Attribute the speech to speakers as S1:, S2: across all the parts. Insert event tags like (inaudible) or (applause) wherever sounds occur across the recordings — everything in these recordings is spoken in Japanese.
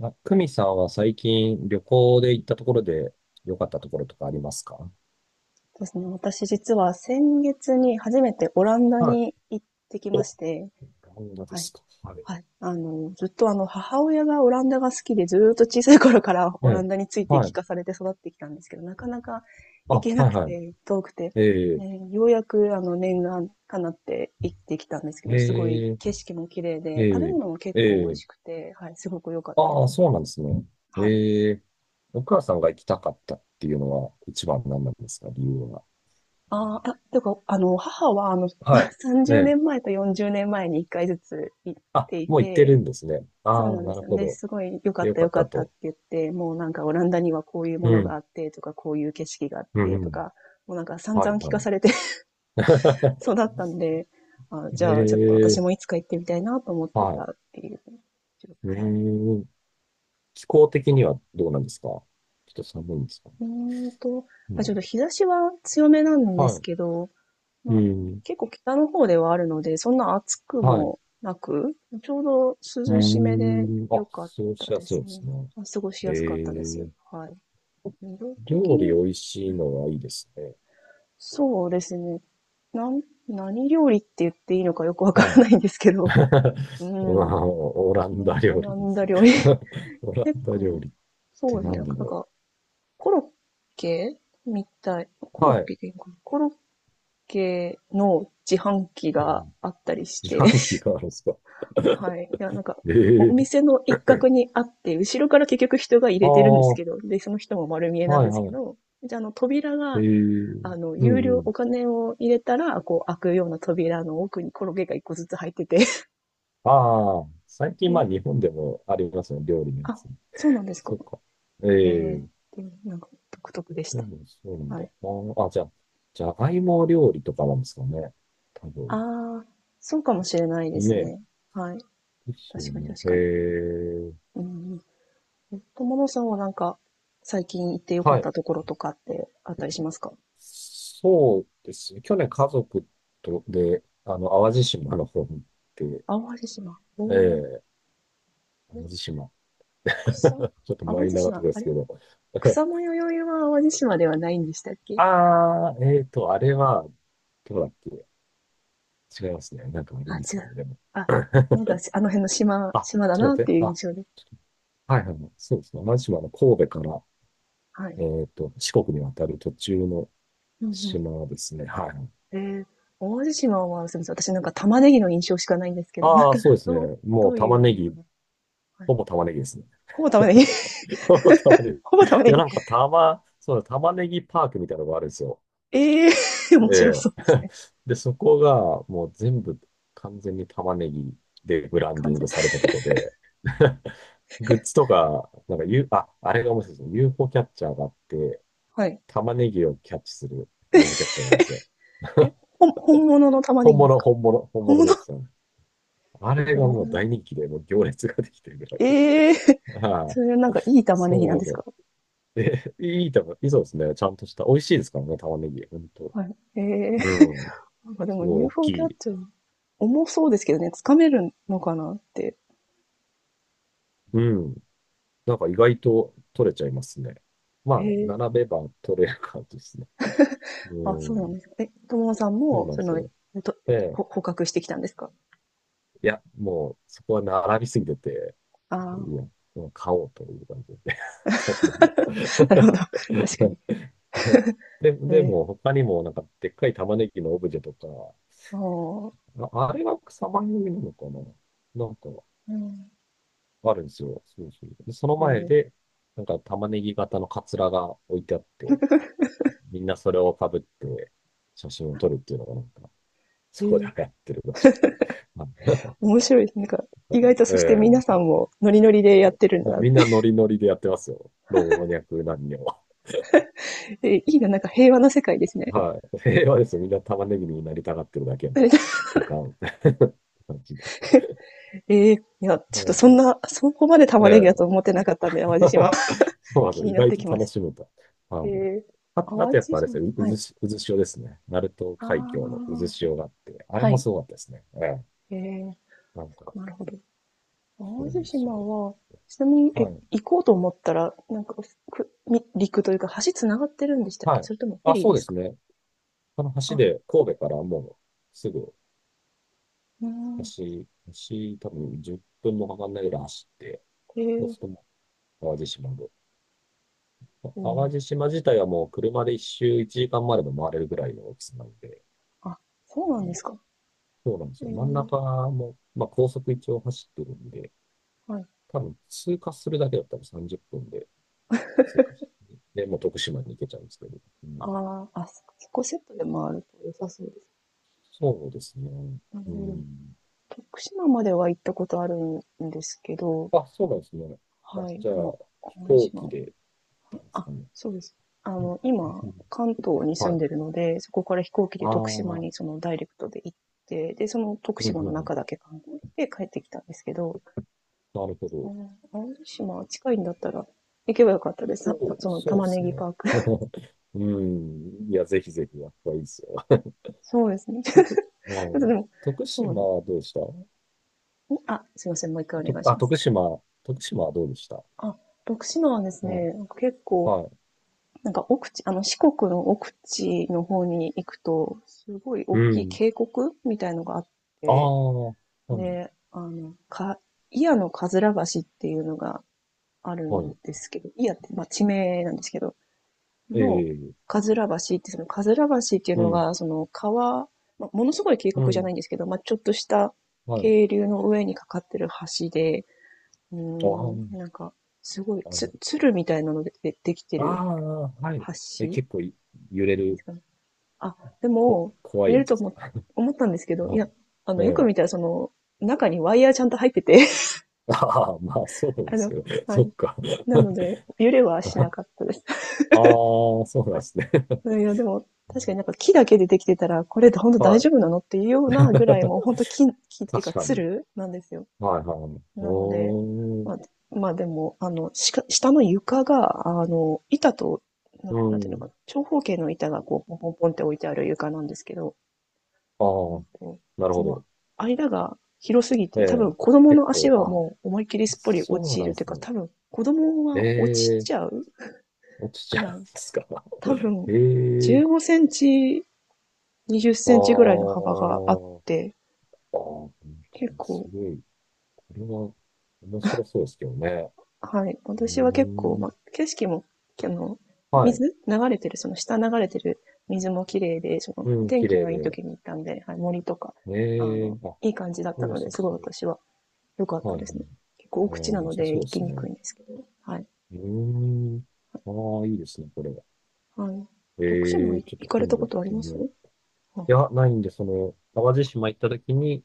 S1: あ、久美さんは最近旅行で行ったところで良かったところとかありますか？
S2: そうですね。私実は先月に初めてオランダ
S1: はい。
S2: に行ってきま
S1: お、
S2: して、
S1: 漫画で
S2: はい。
S1: すか。はい。
S2: はい。ずっと母親がオランダが好きで、ずーっと小さい頃から
S1: え
S2: オラ
S1: え。
S2: ンダについて
S1: は
S2: 聞
S1: い。
S2: かされて育ってきたんですけど、なかなか
S1: あ、
S2: 行けな
S1: はい
S2: く
S1: はい。
S2: て、遠くて、
S1: ええ、
S2: ね、ようやく念願かなって行ってきたんですけど、すごい
S1: ええ、
S2: 景色も綺麗
S1: え
S2: で、食べ
S1: え、
S2: 物も結
S1: え
S2: 構美味
S1: え。
S2: しくて、はい、すごく良かったで
S1: ああ、
S2: す。
S1: そうなんですね。
S2: はい。
S1: ええ。お母さんが行きたかったっていうのは一番何なんですか、理由は。
S2: ああ、いや、てか、母は、
S1: はい。
S2: (laughs) 30
S1: え
S2: 年
S1: え。
S2: 前と40年前に1回ずつ行っ
S1: あ、
S2: てい
S1: もう行ってる
S2: て、
S1: んですね。あ
S2: そうな
S1: あ、
S2: んで
S1: なる
S2: すよ
S1: ほ
S2: ね。
S1: ど。
S2: すごい良か
S1: で、
S2: っ
S1: よ
S2: た
S1: か
S2: 良
S1: っ
S2: か
S1: た
S2: ったって
S1: と。
S2: 言って、もうなんかオランダにはこういう
S1: う
S2: ものがあ
S1: ん。
S2: ってとか、こういう景色があっ
S1: うん、
S2: て
S1: う
S2: と
S1: ん。
S2: か、もうなんか散
S1: は
S2: 々
S1: い、
S2: 聞
S1: は
S2: か
S1: い。
S2: されて (laughs) 育
S1: (laughs)
S2: ったんで、あ、じ
S1: え
S2: ゃあちょっと私
S1: え、
S2: もいつか行ってみたいなと思って
S1: は
S2: た
S1: い。
S2: っていう。
S1: う
S2: はい。
S1: ーん。気候的にはどうなんですか、ちょっと寒いんですか？
S2: うーんと、
S1: う
S2: あ、ちょっと
S1: ん。
S2: 日差しは強めなんです
S1: は
S2: けど、
S1: い。
S2: ま
S1: う
S2: あ、
S1: ん。
S2: 結構北の方ではあるので、そんな暑く
S1: はい。う
S2: もなく、ちょうど涼しめで
S1: ーん。
S2: 良
S1: あ、
S2: かっ
S1: そう、
S2: た
S1: しや
S2: で
S1: すい
S2: す
S1: で
S2: ね。
S1: すね。
S2: 過ごし
S1: え
S2: やすかったです。
S1: ー、
S2: はい。色的
S1: 料理
S2: に、
S1: 美味しいのはいいですね。
S2: そうですね。なん、何料理って言っていいのかよくわか
S1: はい。
S2: らないんですけど、(laughs) うん、
S1: (laughs) うわ、オランダ
S2: オ
S1: 料
S2: ラ
S1: 理で
S2: ンダ
S1: す。
S2: 料理。
S1: (laughs) オ
S2: (laughs)
S1: ラン
S2: 結
S1: ダ料
S2: 構、
S1: 理って
S2: そうですね。
S1: 何
S2: なん
S1: だろ
S2: か、コロッケみたい。コ
S1: う。
S2: ロ
S1: は
S2: ッ
S1: い。
S2: ケでいいのかな、コロッケの自販機
S1: うん、
S2: があったりし
S1: 自
S2: て、
S1: 販機があるんですか？
S2: はい。いや、なんか、
S1: え
S2: お
S1: ー、
S2: 店の一角にあって、後ろから結局人が入
S1: ああ、
S2: れてるんです
S1: は
S2: けど、で、その人も丸見え
S1: い
S2: なんです
S1: は
S2: け
S1: い。
S2: ど、じゃあ、扉が、
S1: う
S2: 有
S1: んう
S2: 料、
S1: ん。
S2: お金を入れたら、こう、開くような扉の奥にコロゲが一個ずつ入ってて、(laughs)
S1: ああ、最近ま
S2: え、
S1: あ日本でもありますね、料理のや
S2: あ、
S1: つ。
S2: そうなんですか。
S1: そっか。え
S2: ええ、
S1: え、
S2: でもなんか、独特でし
S1: で
S2: た。
S1: もそうなんだ。
S2: はい。
S1: まあ、あ、じゃあ、じゃがいも料理とかなんですかね、多分。
S2: ああ、そうかもしれないで
S1: ね
S2: す
S1: え。
S2: ね。はい。
S1: ですよ
S2: 確かに
S1: ね。
S2: 確かに。
S1: ええ、
S2: うんうん。友野さんはなんか、最近行ってよか
S1: は
S2: っ
S1: い。
S2: たところとかってあったりしますか？
S1: そうですね。去年家族とで、淡路島の方に行って、
S2: 淡路島、おー、
S1: ええ、淡路
S2: え、
S1: 島。
S2: 草、
S1: (laughs) ちょっと
S2: 淡
S1: マイ
S2: 路
S1: ナーなと
S2: 島、
S1: こで
S2: あ
S1: す
S2: れ、
S1: けど。
S2: 草よ宵は淡路島ではないんでしたっ
S1: (laughs)
S2: け？
S1: ああ、えっと、あれは、どうだっけ。違いますね。なんかあり
S2: あ、
S1: ま
S2: 違
S1: すよ
S2: う。
S1: ね、でも。
S2: あ、なんかし、あの辺の島、
S1: あ、
S2: 島だ
S1: ちょっ
S2: なっ
S1: と待っ
S2: て
S1: て。
S2: いう
S1: あ、
S2: 印象で。
S1: はいはいはい。そうですね。同じ島の神戸から、
S2: はい。
S1: えっと、四国に渡る途中の
S2: うん
S1: 島ですね。はい。
S2: うん。淡路島は、すみません。私なんか玉ねぎの印象しかないんですけど、なん
S1: ああ、
S2: か、
S1: そうですね。
S2: どう、ど
S1: もう
S2: う
S1: 玉
S2: いう
S1: ね
S2: も
S1: ぎ、
S2: の、はい、
S1: ほぼ玉ねぎですね。
S2: ほぼ玉ねぎ
S1: (laughs) ほぼ玉ね
S2: (laughs) ほぼ
S1: ぎ。い
S2: 玉ね
S1: や、
S2: ぎ。
S1: なんか玉、そうだ、玉ねぎパークみたいなのがあるんですよ。
S2: ええー、(laughs) 面
S1: え
S2: 白
S1: え。
S2: そうですね。
S1: (laughs) で、そこがもう全部完全に玉ねぎでブランディ
S2: 完
S1: ン
S2: 全。
S1: グされたとこで、(laughs) グッズとか、なんか U、あ、あれが面白いですね。UFO キャッチャーがあって、
S2: はい。
S1: 玉ねぎをキャッチする UFO キャッチャーなんですよ。
S2: 本物の玉ね
S1: 本
S2: ぎです
S1: 物、
S2: か？
S1: 本物、本
S2: 本
S1: 物
S2: 物、
S1: です。あれ
S2: お
S1: がもう
S2: ー、
S1: 大人気で、もう行列ができてるぐらいで。
S2: ええー、
S1: は
S2: そ
S1: い。
S2: れなんかいい玉
S1: そ
S2: ねぎ
S1: う
S2: な
S1: な
S2: ん
S1: んで
S2: で
S1: す
S2: すか？
S1: よ。え、いい玉、いい、そうですね。ちゃんとした。美味しいですからね、玉ねぎ。ほんと。
S2: はい。ええー、
S1: うん。
S2: なんかで
S1: すご
S2: も
S1: い大き
S2: UFO キャッ
S1: い。
S2: チャー、重そうですけどね、掴めるのかなって。
S1: うん。なんか意外と取れちゃいますね。まあ、
S2: へえ。
S1: 並べば取れる感じですね。
S2: あ、
S1: う
S2: そうなん
S1: ん。
S2: ですか。え、友野さん
S1: そう
S2: も、
S1: なんですよ。
S2: と
S1: ええ、
S2: ほ捕獲してきたんですか？
S1: いや、もう、そこは並びすぎてて、
S2: あ
S1: う
S2: あ、
S1: ん。もう買おうという感じで。(laughs) 取んでみよう。
S2: (laughs) なるほど。(laughs) 確か
S1: (laughs)
S2: に。
S1: で、で
S2: ええ、
S1: も、他にも、なんか、でっかい玉ねぎのオブジェとか、
S2: ああ、
S1: あ、あれは草番組なのかな、なんか、
S2: うん、
S1: あるんですよ。そうそう。で、その前
S2: ええ
S1: で、なんか、玉ねぎ型のカツラが置いてあって、みんなそれをかぶって、写真を撮るっていうのが、なんか、
S2: え
S1: そこで
S2: ー
S1: 流行ってるらしくて。
S2: 面白いです。なんか、意外とそして
S1: (laughs)
S2: 皆
S1: ええ、
S2: さんもノリノリでやってるんだ
S1: も
S2: な
S1: う
S2: っ
S1: みん
S2: て。
S1: なノリノリでやってますよ、老若男女は。
S2: いいな、なんか平和な世界ですね。
S1: はい。平和ですよ。みんな玉ねぎになりたがってるだけの空間。(laughs) 感じで。
S2: (laughs) ええ、いや、ちょっと
S1: そう
S2: そ
S1: そ
S2: ん
S1: う。
S2: な、そこまで玉
S1: え
S2: ねぎだと
S1: え。
S2: 思ってなかったんで、淡路島。
S1: (laughs)
S2: (laughs)
S1: そうなんです
S2: 気
S1: よ。
S2: に
S1: 意
S2: なっ
S1: 外
S2: てき
S1: と
S2: ま
S1: 楽
S2: し
S1: しめた。あ
S2: た。え
S1: の、
S2: え、
S1: あ、あと
S2: 淡
S1: やっ
S2: 路
S1: ぱあれで
S2: 島、
S1: すね、う、う
S2: は
S1: ず
S2: い。
S1: し、渦潮ですね。鳴門
S2: あ
S1: 海峡の
S2: あ、
S1: 渦潮があって、あれ
S2: は
S1: も
S2: い。
S1: すごかったですね。ええ、
S2: ええ、
S1: なんか、
S2: なるほど。
S1: そう
S2: 淡
S1: な
S2: 路
S1: んですよ。
S2: 島は、ちなみに、
S1: はい。
S2: 行こうと思ったら、なんか、陸というか、橋繋がってるんでしたっ
S1: は
S2: け、
S1: い。
S2: それともフェ
S1: あ、
S2: リー
S1: そう
S2: で
S1: で
S2: す
S1: す
S2: か？
S1: ね。この橋
S2: あ、
S1: で、神戸からもうすぐ、
S2: うーん、
S1: 橋、橋多分10分もかかんないぐらい走って、
S2: え
S1: そうす
S2: え、
S1: るともう淡路島で。
S2: う
S1: 淡
S2: ん。
S1: 路島自体はもう車で一周1時間までも回れるぐらいの大きさなので、
S2: あ、そう
S1: う
S2: なんで
S1: ん、
S2: すか。
S1: そうなんです
S2: え
S1: よ。真ん
S2: え、
S1: 中も、まあ、高速一応走ってるんで、
S2: はい。
S1: 多分通過するだけだったら30分で通過して、で、もう徳島に行けちゃうんですけど。うん、
S2: ああ、あ、そこセットで回ると良さそうです。
S1: そうですね。
S2: なる
S1: う
S2: ほど。
S1: ん。
S2: 徳島までは行ったことあるんですけど、
S1: あ、そうなんですね。あ、
S2: はい。
S1: じゃ
S2: で
S1: あ、
S2: も、
S1: 飛
S2: 淡路
S1: 行機
S2: 島、
S1: で行ったんです
S2: あ、
S1: かね。
S2: そうです。あ
S1: うん。
S2: の、今、
S1: うん、
S2: 関東に住
S1: は
S2: んでる
S1: い。
S2: ので、そこから飛行機で
S1: ああ、
S2: 徳
S1: う
S2: 島
S1: ん、
S2: にそのダイレクトで行って、で、その徳
S1: うん、
S2: 島
S1: う
S2: の
S1: ん。
S2: 中だけ観光して帰ってきたんですけど、
S1: なるほ
S2: あ
S1: ど。
S2: の、青島近いんだったら行けばよかったです。さ
S1: そ
S2: た
S1: う、
S2: その
S1: そう
S2: 玉
S1: で
S2: ね
S1: す
S2: ぎ
S1: ね。
S2: パーク。(laughs)
S1: (laughs) うん。いや、ぜひぜひ、やっぱいいですよ。
S2: そうですね。(laughs) ちょっと
S1: う
S2: で
S1: ん、
S2: も、
S1: 徳
S2: そう
S1: 島
S2: です
S1: はどうでした？
S2: ね。あ、すいません。もう一回お
S1: と、
S2: 願いし
S1: あ、
S2: ます。
S1: 徳島、徳島はどうでした？
S2: あ、徳島はです
S1: は
S2: ね、なんか結
S1: い。
S2: 構、
S1: はい。
S2: なんか奥地、あの四国の奥地の方に行くと、すごい大
S1: う
S2: きい
S1: ん。
S2: 渓谷みたいのがあっ
S1: あ
S2: て、
S1: あ、はい。
S2: で、祖谷のかずら橋っていうのがある
S1: は
S2: ん
S1: い。
S2: ですけど、祖谷って、まあ、地名なんですけど、
S1: え
S2: の、
S1: え、
S2: かずら橋って、その、かずら橋っていう
S1: う
S2: の
S1: ん。
S2: が、その、川、まあ、ものすごい渓
S1: う
S2: 谷じゃな
S1: ん。
S2: いんですけど、まあ、ちょっとした
S1: はい。
S2: 渓流の上にかかってる橋で、うー
S1: ああ、
S2: ん、なんか、すごい、
S1: あの、
S2: 鶴みたいなのででできて
S1: あ
S2: る
S1: あ、はい。え、
S2: 橋
S1: 結構い、揺れ
S2: です
S1: る、
S2: かね。あ、で
S1: こ、
S2: も、
S1: 怖
S2: 入
S1: い
S2: れ
S1: や
S2: る
S1: つ
S2: と
S1: ですか。
S2: 思ったんですけ
S1: (laughs)
S2: ど、
S1: は
S2: いや、
S1: い。
S2: あ
S1: え
S2: の、よく
S1: え。
S2: 見たら、その、中にワイヤーちゃんと入ってて、
S1: (laughs) ああ、まあ、そう
S2: (laughs) あ
S1: で
S2: の、
S1: すよね。(laughs)
S2: は
S1: そ
S2: い。
S1: っか。(laughs)
S2: なので、揺れはしな
S1: あ
S2: かったです。(laughs)
S1: あ、そうなん
S2: は
S1: ですね。(laughs)
S2: い。いや、でも、確かになんか木だけでできてたら、これで本当大
S1: は
S2: 丈
S1: い。
S2: 夫なのっていうようなぐらい、もう本
S1: (laughs)
S2: 当木、木っていうか、
S1: 確か
S2: つ
S1: に。
S2: るなんですよ。
S1: はい、はい。
S2: なので、
S1: おー、
S2: まあ、まあでも、あの、下の床が、あの、板と、
S1: う
S2: なんていうのか
S1: ん。
S2: な、長方形の板がこう、ポンポンポンって置いてある床なんですけど、
S1: あ
S2: うん
S1: あ、
S2: と、
S1: なる
S2: そ
S1: ほ
S2: の
S1: ど。
S2: 間が広すぎ
S1: え
S2: て、多分
S1: え、
S2: 子供
S1: 結
S2: の足
S1: 構、
S2: は
S1: あ、
S2: もう思いっきりすっぽり落
S1: そう
S2: ち
S1: なん
S2: る
S1: で
S2: という
S1: す
S2: か、
S1: ね。
S2: 多分子供は落ち
S1: ええ、
S2: ちゃう
S1: 落ち
S2: ぐ
S1: ちゃうん
S2: ら
S1: で
S2: い、
S1: すか。
S2: 多
S1: (laughs)
S2: 分、
S1: え
S2: 15
S1: え、
S2: センチ、20セ
S1: あ
S2: ンチぐらいの幅があっ
S1: ー、
S2: て、
S1: あー、本当
S2: 結
S1: にす
S2: 構、
S1: ごい。これは面白そうですけどね。
S2: はい。
S1: うー
S2: 私は結構、
S1: ん、
S2: ま、景色も、あの、
S1: はい。
S2: 水流れてる、その下流れてる水も綺麗で、その、
S1: うん、
S2: 天
S1: 綺
S2: 気
S1: 麗
S2: がいい
S1: で。
S2: 時に行ったんで、はい、森とか、あ
S1: え
S2: の、
S1: え、あ、こ
S2: いい感じだっ
S1: こ
S2: た
S1: 良
S2: ので、
S1: さ
S2: すごい
S1: そう。
S2: 私は良かっ
S1: は
S2: た
S1: い。う
S2: ですね。
S1: ん、
S2: 結構
S1: あ
S2: 奥地な
S1: ー、良
S2: の
S1: さ
S2: で
S1: そう
S2: 行
S1: で
S2: き
S1: す
S2: にく
S1: ね。
S2: いんですけど、はい。
S1: うーん、ああ、いいですね、これ。
S2: はい。徳島
S1: ええ、
S2: 行
S1: ちょっと
S2: かれ
S1: 今
S2: た
S1: 度
S2: こ
S1: 行っ
S2: とあり
S1: て
S2: ま
S1: み
S2: す？
S1: よう。いや、ないんで、その、淡路島行った時に、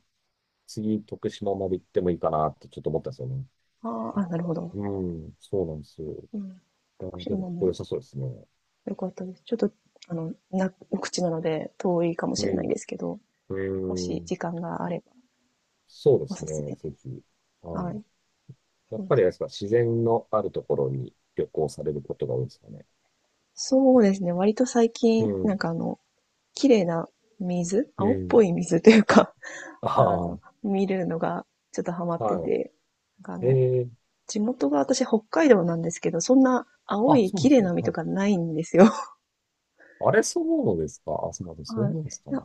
S1: 次、徳島まで行ってもいいかなってちょっと思ったんですよね。
S2: ああー、あ、なるほど。
S1: うん、そうなんですよ。
S2: う
S1: い
S2: ん。
S1: や
S2: 徳
S1: でも、
S2: 島
S1: これ良
S2: も
S1: さそうですね。
S2: よかったです。ちょっと、あの、お口なので遠いかもし
S1: う
S2: れない
S1: ん、
S2: ですけど、も
S1: う
S2: し
S1: ん、
S2: 時間があれば
S1: そうで
S2: お
S1: す
S2: す
S1: ね、
S2: すめで
S1: ぜ
S2: す。
S1: ひ。は
S2: はい。
S1: い。や
S2: そ
S1: っ
S2: うで
S1: ぱり
S2: す、
S1: あれですか、自然のあるところに旅行されることが多いですかね。
S2: そうですね。割と最
S1: う
S2: 近、なん
S1: ん、
S2: かあの、綺麗な水、
S1: う
S2: 青っぽ
S1: ん。
S2: い水というか、(laughs)
S1: あ
S2: あの、
S1: あ、
S2: 見るのがちょっとハマって
S1: は
S2: て、なんかあの、
S1: い。ええ、
S2: 地元が私北海道なんですけど、そんな青
S1: あ、
S2: い
S1: そうなん
S2: 綺
S1: で
S2: 麗
S1: す
S2: な
S1: ね。
S2: 海
S1: は
S2: と
S1: い、
S2: かないんですよ。
S1: あれ、そうですか。あ、そうなんで
S2: (laughs)
S1: す。そう
S2: はい。
S1: なんですか
S2: いや、
S1: ね。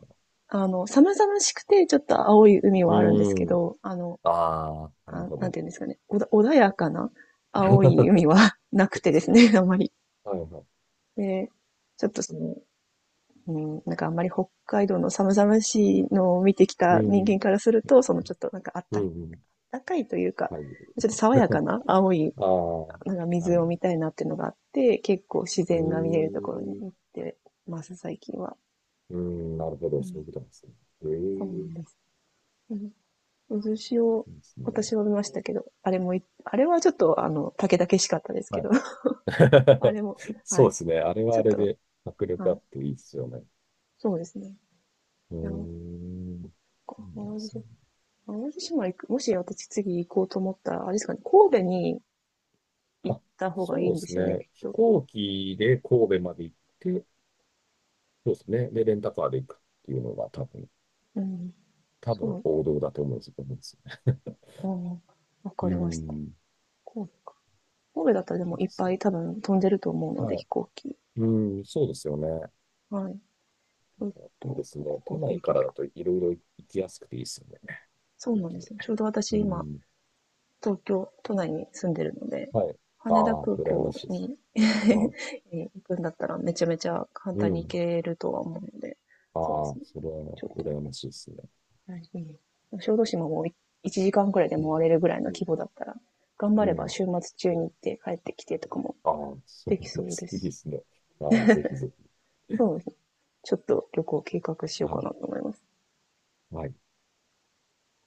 S2: あの、寒々しくてちょっと青い海はあるんですけ
S1: うん。
S2: ど、あの、
S1: ああ、なる
S2: あ、
S1: ほ
S2: なん
S1: ど。
S2: ていうんですかね、穏やかな
S1: (laughs) そっ
S2: 青
S1: か、
S2: い海は (laughs) なく
S1: そっか、
S2: てで
S1: そっ
S2: すね、(laughs)
S1: か。
S2: あんまり。
S1: はいはい。
S2: で、ちょっとその、うん、なんかあんまり北海道の寒々しいのを見てき
S1: う
S2: た人
S1: ん。
S2: 間からすると、そのちょっとなんかあっ
S1: うん、
S2: た、
S1: うん。
S2: かいというか、
S1: はい。
S2: ちょっと爽やか
S1: (laughs)
S2: な青い、
S1: ああ、
S2: なんか
S1: は
S2: 水を見
S1: い。
S2: たいなっていうのがあって、結構自
S1: うー
S2: 然が見えるところに
S1: ん、う
S2: 行ってます、最近は。
S1: ーん、なるほど、
S2: う
S1: そうい
S2: ん、
S1: うことなんですね。え
S2: そうな
S1: え、
S2: んです。うん、渦潮、
S1: いいです
S2: 私
S1: ね。
S2: は見ましたけど、あれもい、あれはちょっと、あの、竹々しかったですけ
S1: は
S2: ど、
S1: い。
S2: (laughs) あれも、
S1: (laughs)
S2: は
S1: そう
S2: い。
S1: ですね。あれは
S2: ちょ
S1: あ
S2: っ
S1: れ
S2: と、
S1: で迫力
S2: は
S1: あ
S2: い、
S1: っていいですよね。
S2: そうですね。
S1: うー
S2: いや、なんか
S1: ん、そうなん
S2: 淡
S1: で
S2: 路
S1: すね。
S2: 島、淡路島行く、もし私次行こうと思ったら、あれですかね、神戸に行っ
S1: あ、
S2: た方がい
S1: そう
S2: い
S1: で
S2: んで
S1: す
S2: すよね、き
S1: ね。
S2: っ
S1: 飛
S2: と。
S1: 行機で神戸まで行って、そうですね。で、レンタカーで行くっていうのが多分、
S2: うん。
S1: 多分
S2: そう、
S1: 王道だと思うんですよね。
S2: うん、わ
S1: (laughs) う
S2: か
S1: ー
S2: りました。
S1: ん、
S2: 神戸か。神戸だったらで
S1: いい
S2: も
S1: で
S2: いっ
S1: す
S2: ぱ
S1: ね。
S2: い多分飛んでると思うの
S1: は
S2: で、
S1: い。
S2: 飛行機。
S1: うーん、そうですよね。
S2: はい。ちょっ
S1: いいで
S2: と、
S1: すね。都
S2: 神戸
S1: 内
S2: 行
S1: か
S2: き
S1: らだ
S2: か。
S1: といろいろ行きやすくていいですよね。
S2: そう
S1: 飛行
S2: なん
S1: 機
S2: です
S1: で、
S2: ね。ちょうど
S1: う
S2: 私今、
S1: ん。
S2: 東京都内に住んでるので、
S1: はい。あ
S2: 羽田
S1: あ、
S2: 空
S1: 羨ま
S2: 港
S1: しいです。
S2: に (laughs)
S1: は
S2: 行くんだったらめちゃめちゃ簡
S1: い。う
S2: 単に行
S1: ん。
S2: けるとは思うので、
S1: あ
S2: そうです
S1: あ、
S2: ね。
S1: それは
S2: ちょっ
S1: 羨
S2: と、
S1: ましいですね。
S2: はい、小豆島も1時間くらいで
S1: うん。
S2: 回れるぐらいの
S1: う
S2: 規
S1: ん。
S2: 模だったら、頑張
S1: う
S2: れば
S1: ん。
S2: 週末中に
S1: ね、
S2: 行って帰ってきてとかも
S1: ああ、そう
S2: でき
S1: な
S2: そ
S1: んで
S2: うで
S1: す。いいで
S2: す。
S1: すね。ああ、ぜひぜひ。
S2: そうですね。ちょっと旅行計画しよう
S1: は
S2: か
S1: い。
S2: なと思います。
S1: はい。